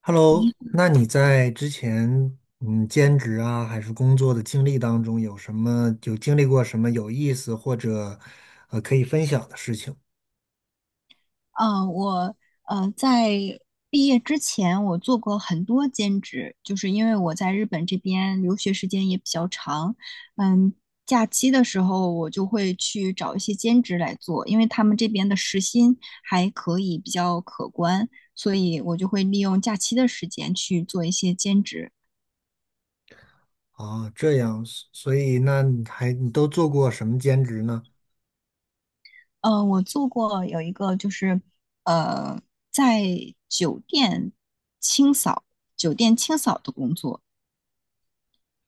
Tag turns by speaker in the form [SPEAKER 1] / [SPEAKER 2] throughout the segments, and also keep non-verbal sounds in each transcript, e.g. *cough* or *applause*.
[SPEAKER 1] Hello,那你在之前兼职啊还是工作的经历当中，有什么有经历过什么有意思或者可以分享的事情
[SPEAKER 2] 嗯，我在毕业之前，我做过很多兼职，就是因为我在日本这边留学时间也比较长。嗯，假期的时候我就会去找一些兼职来做，因为他们这边的时薪还可以比较可观，所以我就会利用假期的时间去做一些兼职。
[SPEAKER 1] 啊？这样，所以那你还你都做过什么兼职呢？
[SPEAKER 2] 嗯，我做过有一个就是呃在酒店清扫，酒店清扫的工作。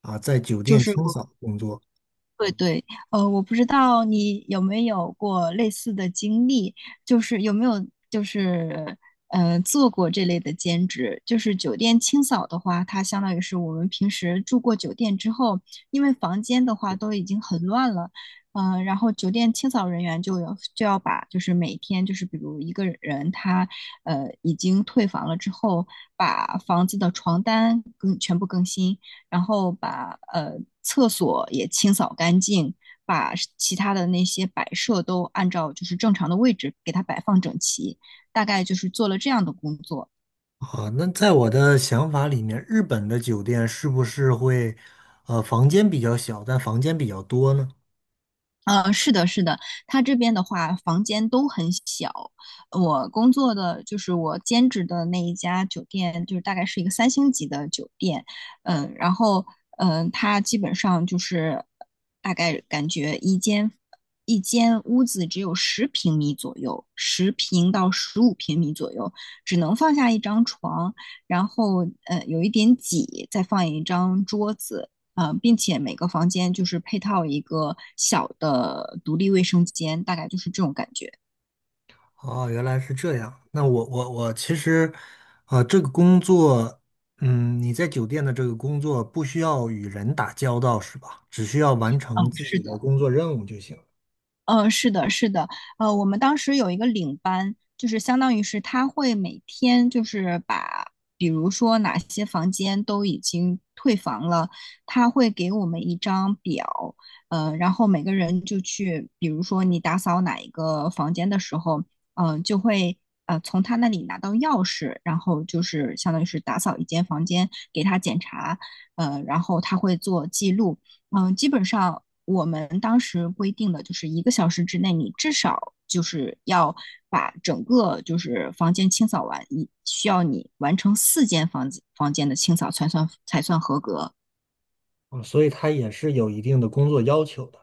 [SPEAKER 1] 啊，在酒
[SPEAKER 2] 就
[SPEAKER 1] 店
[SPEAKER 2] 是
[SPEAKER 1] 清
[SPEAKER 2] 我。
[SPEAKER 1] 扫工作
[SPEAKER 2] 对对，我不知道你有没有过类似的经历，就是有没有就是做过这类的兼职，就是酒店清扫的话，它相当于是我们平时住过酒店之后，因为房间的话都已经很乱了。然后酒店清扫人员就要把就是每天就是比如一个人他已经退房了之后，把房子的床单更全部更新。然后把厕所也清扫干净，把其他的那些摆设都按照就是正常的位置给它摆放整齐，大概就是做了这样的工作。
[SPEAKER 1] 啊？那在我的想法里面，日本的酒店是不是会房间比较小，但房间比较多呢？
[SPEAKER 2] 是的，是的，他这边的话，房间都很小。我工作的就是我兼职的那一家酒店，就是大概是一个三星级的酒店。然后它基本上就是大概感觉一间屋子只有10平米左右，10平到15平米左右，只能放下一张床，然后有一点挤，再放一张桌子。并且每个房间就是配套一个小的独立卫生间，大概就是这种感觉。
[SPEAKER 1] 哦，原来是这样。那我其实，啊、这个工作，嗯，你在酒店的这个工作不需要与人打交道，是吧？只需要完
[SPEAKER 2] 嗯，
[SPEAKER 1] 成自
[SPEAKER 2] 是
[SPEAKER 1] 己
[SPEAKER 2] 的，
[SPEAKER 1] 的工作任务就行了。
[SPEAKER 2] 嗯，是的，是的。我们当时有一个领班，就是相当于是他会每天就是把，比如说哪些房间都已经退房了，他会给我们一张表。然后每个人就去，比如说你打扫哪一个房间的时候，就会从他那里拿到钥匙，然后就是相当于是打扫一间房间给他检查。然后他会做记录。嗯，基本上我们当时规定的就是一个小时之内，你至少就是要把整个就是房间清扫完，你需要你完成四间房间的清扫才算合格。
[SPEAKER 1] 啊、所以它也是有一定的工作要求的。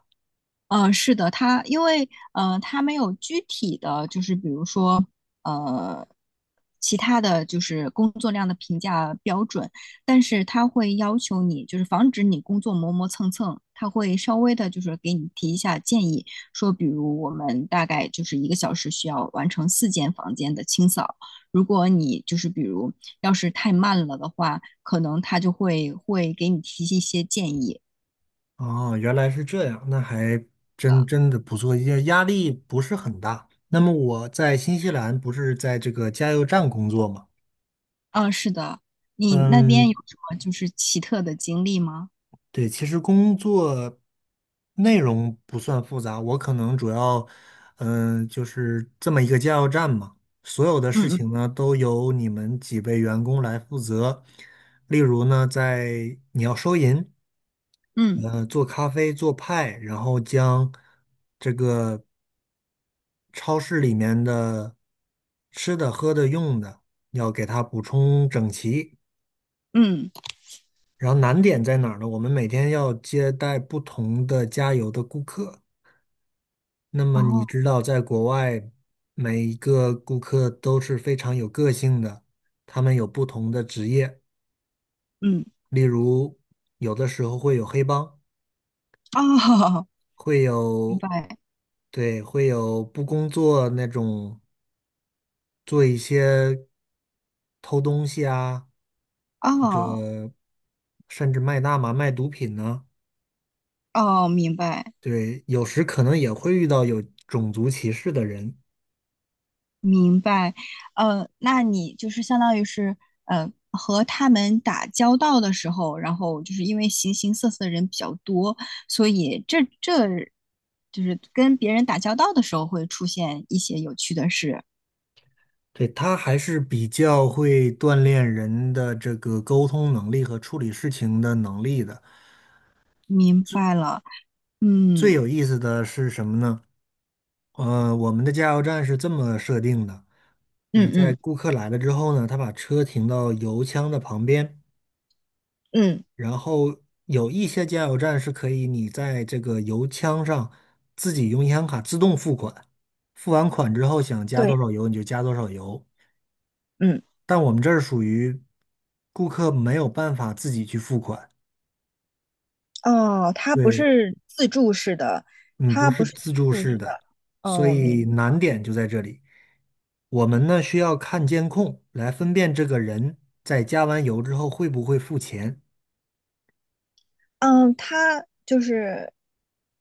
[SPEAKER 2] 是的，他因为他没有具体的就是比如说呃，其他的就是工作量的评价标准，但是他会要求你就是防止你工作磨磨蹭蹭，他会稍微的就是给你提一下建议，说比如我们大概就是一个小时需要完成四间房间的清扫，如果你就是比如要是太慢了的话，可能他就会给你提一些建议。
[SPEAKER 1] 哦，原来是这样，那还真的不错，压力不是很大。那么我在新西兰不是在这个加油站工作吗？
[SPEAKER 2] 嗯，是的，你那边有
[SPEAKER 1] 嗯，
[SPEAKER 2] 什么就是奇特的经历吗？
[SPEAKER 1] 对，其实工作内容不算复杂，我可能主要，嗯，就是这么一个加油站嘛，所有的事
[SPEAKER 2] 嗯嗯
[SPEAKER 1] 情呢都由你们几位员工来负责。例如呢，在你要收银，
[SPEAKER 2] 嗯
[SPEAKER 1] 做咖啡、做派，然后将这个超市里面的吃的、喝的、用的要给它补充整齐。
[SPEAKER 2] 嗯，
[SPEAKER 1] 然后难点在哪儿呢？我们每天要接待不同的加油的顾客。那么你知
[SPEAKER 2] 哦，
[SPEAKER 1] 道，在国外，每一个顾客都是非常有个性的，他们有不同的职业，
[SPEAKER 2] 嗯
[SPEAKER 1] 例如有的时候会有黑帮，
[SPEAKER 2] 哦，*laughs*
[SPEAKER 1] 会
[SPEAKER 2] 明
[SPEAKER 1] 有，
[SPEAKER 2] 白，
[SPEAKER 1] 对，会有不工作那种做一些偷东西啊，或者
[SPEAKER 2] 哦
[SPEAKER 1] 甚至卖大麻、卖毒品呢、
[SPEAKER 2] 哦，明白
[SPEAKER 1] 对，有时可能也会遇到有种族歧视的人。
[SPEAKER 2] 明白。那你就是相当于是和他们打交道的时候，然后就是因为形形色色的人比较多，所以这就是跟别人打交道的时候会出现一些有趣的事。
[SPEAKER 1] 对，它还是比较会锻炼人的这个沟通能力和处理事情的能力的。
[SPEAKER 2] 明白了，
[SPEAKER 1] 最
[SPEAKER 2] 嗯
[SPEAKER 1] 有意思的是什么呢？我们的加油站是这么设定的，嗯，
[SPEAKER 2] 嗯
[SPEAKER 1] 在
[SPEAKER 2] 嗯
[SPEAKER 1] 顾客来了之后呢，他把车停到油枪的旁边，
[SPEAKER 2] 嗯，
[SPEAKER 1] 然后有一些加油站是可以你在这个油枪上自己用银行卡自动付款，付完款之后想加
[SPEAKER 2] 对，
[SPEAKER 1] 多少油你就加多少油，
[SPEAKER 2] 嗯。
[SPEAKER 1] 但我们这儿属于顾客没有办法自己去付款。
[SPEAKER 2] 哦，他不
[SPEAKER 1] 对，
[SPEAKER 2] 是自助式的，
[SPEAKER 1] 嗯，不
[SPEAKER 2] 他不
[SPEAKER 1] 是
[SPEAKER 2] 是
[SPEAKER 1] 自
[SPEAKER 2] 自
[SPEAKER 1] 助
[SPEAKER 2] 助式
[SPEAKER 1] 式
[SPEAKER 2] 的。
[SPEAKER 1] 的，所
[SPEAKER 2] 哦，我明
[SPEAKER 1] 以
[SPEAKER 2] 白。
[SPEAKER 1] 难点就在这里。我们呢需要看监控来分辨这个人在加完油之后会不会付钱。
[SPEAKER 2] 嗯，他就是，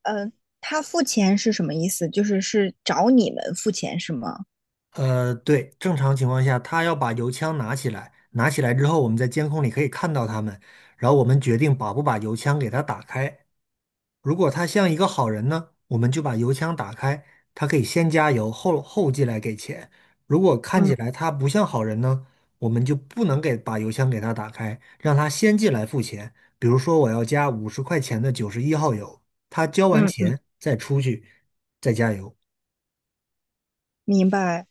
[SPEAKER 2] 呃，他付钱是什么意思？就是是找你们付钱是吗？
[SPEAKER 1] 对，正常情况下他要把油枪拿起来，拿起来之后我们在监控里可以看到他们，然后我们决定把不把油枪给他打开。如果他像一个好人呢，我们就把油枪打开，他可以先加油，后进来给钱。如果看起
[SPEAKER 2] 嗯
[SPEAKER 1] 来他不像好人呢，我们就不能给把油枪给他打开，让他先进来付钱。比如说我要加50块钱的91号油，他交完
[SPEAKER 2] 嗯，嗯
[SPEAKER 1] 钱再出去再加油。
[SPEAKER 2] 明白。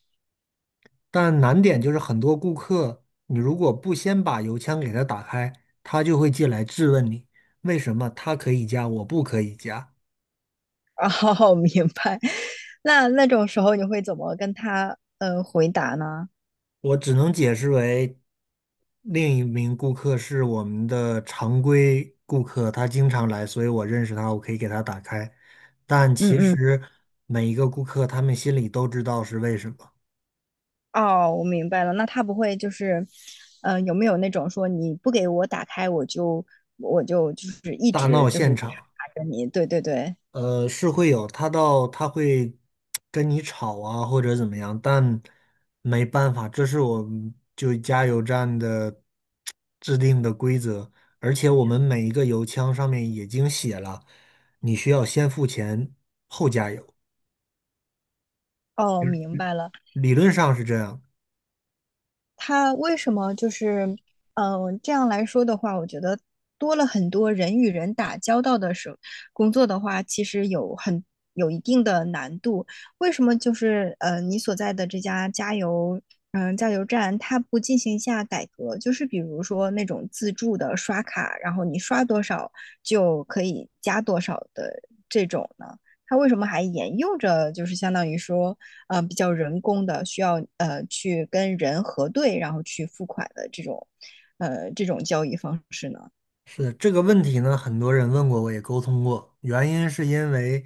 [SPEAKER 1] 但难点就是很多顾客，你如果不先把油枪给他打开，他就会进来质问你为什么他可以加，我不可以加。
[SPEAKER 2] 哦，*laughs* 明白。那那种时候你会怎么跟他回答呢？
[SPEAKER 1] 我只能解释为，另一名顾客是我们的常规顾客，他经常来，所以我认识他，我可以给他打开。但
[SPEAKER 2] 嗯
[SPEAKER 1] 其
[SPEAKER 2] 嗯，
[SPEAKER 1] 实每一个顾客，他们心里都知道是为什么。
[SPEAKER 2] 哦，我明白了。那他不会就是，有没有那种说你不给我打开，我就我就就是一
[SPEAKER 1] 大
[SPEAKER 2] 直
[SPEAKER 1] 闹
[SPEAKER 2] 就
[SPEAKER 1] 现
[SPEAKER 2] 是
[SPEAKER 1] 场。
[SPEAKER 2] 查着你？对对对。
[SPEAKER 1] 是会有，他会跟你吵啊，或者怎么样，但没办法，这是我们就加油站的制定的规则，而且我们每一个油枪上面已经写了，你需要先付钱后加油，
[SPEAKER 2] 哦，明白了。
[SPEAKER 1] 理论上是这样，
[SPEAKER 2] 他为什么就是，这样来说的话，我觉得多了很多人与人打交道的时候，工作的话，其实有一定的难度。为什么就是你所在的这家加油，加油站，它不进行一下改革？就是比如说那种自助的刷卡，然后你刷多少就可以加多少的这种呢？它为什么还沿用着就是相当于说？比较人工的，需要去跟人核对，然后去付款的这种，这种交易方式呢？
[SPEAKER 1] 是这个问题呢，很多人问过，我也沟通过。原因是因为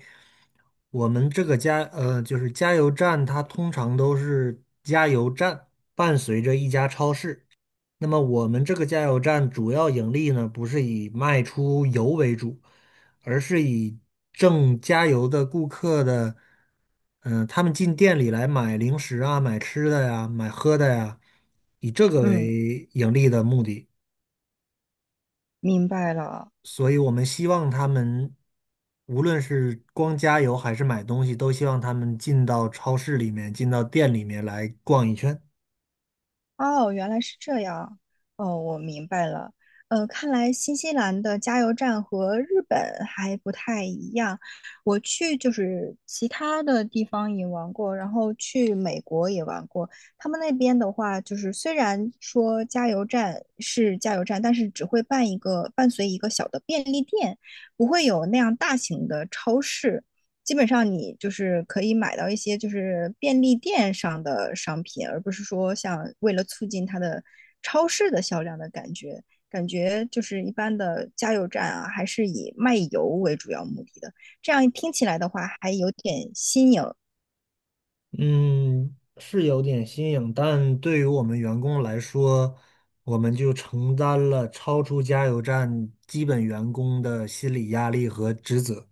[SPEAKER 1] 我们这个就是加油站，它通常都是加油站伴随着一家超市。那么我们这个加油站主要盈利呢，不是以卖出油为主，而是以挣加油的顾客的，他们进店里来买零食啊、买吃的呀、买喝的呀，以这个
[SPEAKER 2] 嗯，
[SPEAKER 1] 为盈利的目的。
[SPEAKER 2] 明白了。
[SPEAKER 1] 所以我们希望他们，无论是光加油还是买东西，都希望他们进到超市里面，进到店里面来逛一圈。
[SPEAKER 2] 哦，原来是这样。哦，我明白了。看来新西兰的加油站和日本还不太一样。我去就是其他的地方也玩过，然后去美国也玩过。他们那边的话，就是虽然说加油站是加油站，但是只会办一个伴随一个小的便利店，不会有那样大型的超市。基本上你就是可以买到一些就是便利店上的商品，而不是说像为了促进它的超市的销量的感觉。感觉就是一般的加油站啊，还是以卖油为主要目的的。这样听起来的话，还有点新颖。
[SPEAKER 1] 嗯，是有点新颖，但对于我们员工来说，我们就承担了超出加油站基本员工的心理压力和职责。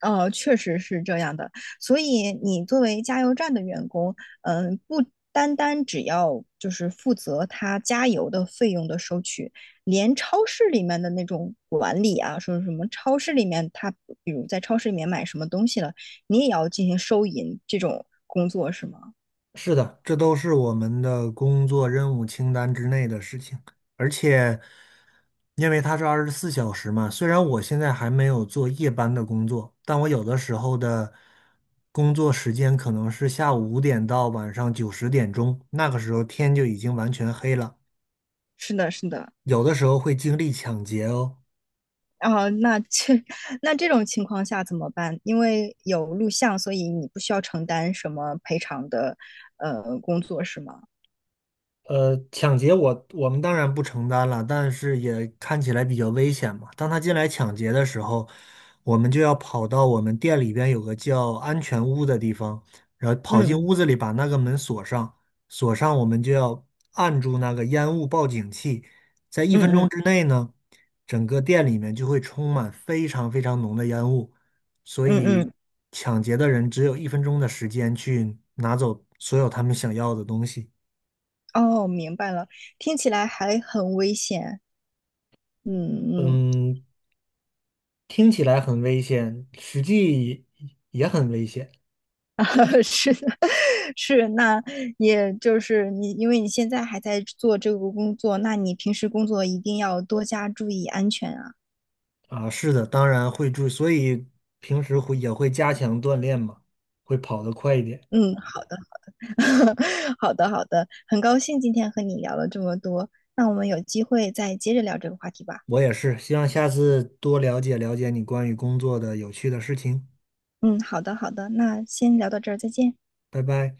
[SPEAKER 2] 确实是这样的。所以你作为加油站的员工，嗯，不单单只要就是负责他加油的费用的收取，连超市里面的那种管理啊，说什么超市里面他比如在超市里面买什么东西了，你也要进行收银这种工作是吗？
[SPEAKER 1] 是的，这都是我们的工作任务清单之内的事情，而且因为它是24小时嘛，虽然我现在还没有做夜班的工作，但我有的时候的工作时间可能是下午5点到晚上9、10点钟，那个时候天就已经完全黑了，
[SPEAKER 2] 是的，是的。
[SPEAKER 1] 有的时候会经历抢劫哦。
[SPEAKER 2] 啊，那这 *laughs* 那这种情况下怎么办？因为有录像，所以你不需要承担什么赔偿的工作是吗？
[SPEAKER 1] 抢劫我们当然不承担了，但是也看起来比较危险嘛。当他进来抢劫的时候，我们就要跑到我们店里边有个叫安全屋的地方，然后跑进
[SPEAKER 2] 嗯
[SPEAKER 1] 屋子里把那个门锁上，锁上我们就要按住那个烟雾报警器，在一
[SPEAKER 2] 嗯
[SPEAKER 1] 分钟之
[SPEAKER 2] 嗯
[SPEAKER 1] 内呢，整个店里面就会充满非常非常浓的烟雾，所
[SPEAKER 2] 嗯
[SPEAKER 1] 以
[SPEAKER 2] 嗯，
[SPEAKER 1] 抢劫的人只有一分钟的时间去拿走所有他们想要的东西。
[SPEAKER 2] 哦，明白了，听起来还很危险。嗯嗯，
[SPEAKER 1] 嗯，听起来很危险，实际也很危险
[SPEAKER 2] *laughs* 啊，是的，*laughs* 是，那也就是你，因为你现在还在做这个工作，那你平时工作一定要多加注意安全啊。
[SPEAKER 1] 啊。是的，当然会注意，所以平时会也会加强锻炼嘛，会跑得快一点。
[SPEAKER 2] 嗯，*laughs* 好的好的，很高兴今天和你聊了这么多，那我们有机会再接着聊这个话题吧。
[SPEAKER 1] 我也是，希望下次多了解了解你关于工作的有趣的事情。
[SPEAKER 2] 嗯，好的好的，那先聊到这儿，再见。
[SPEAKER 1] 拜拜。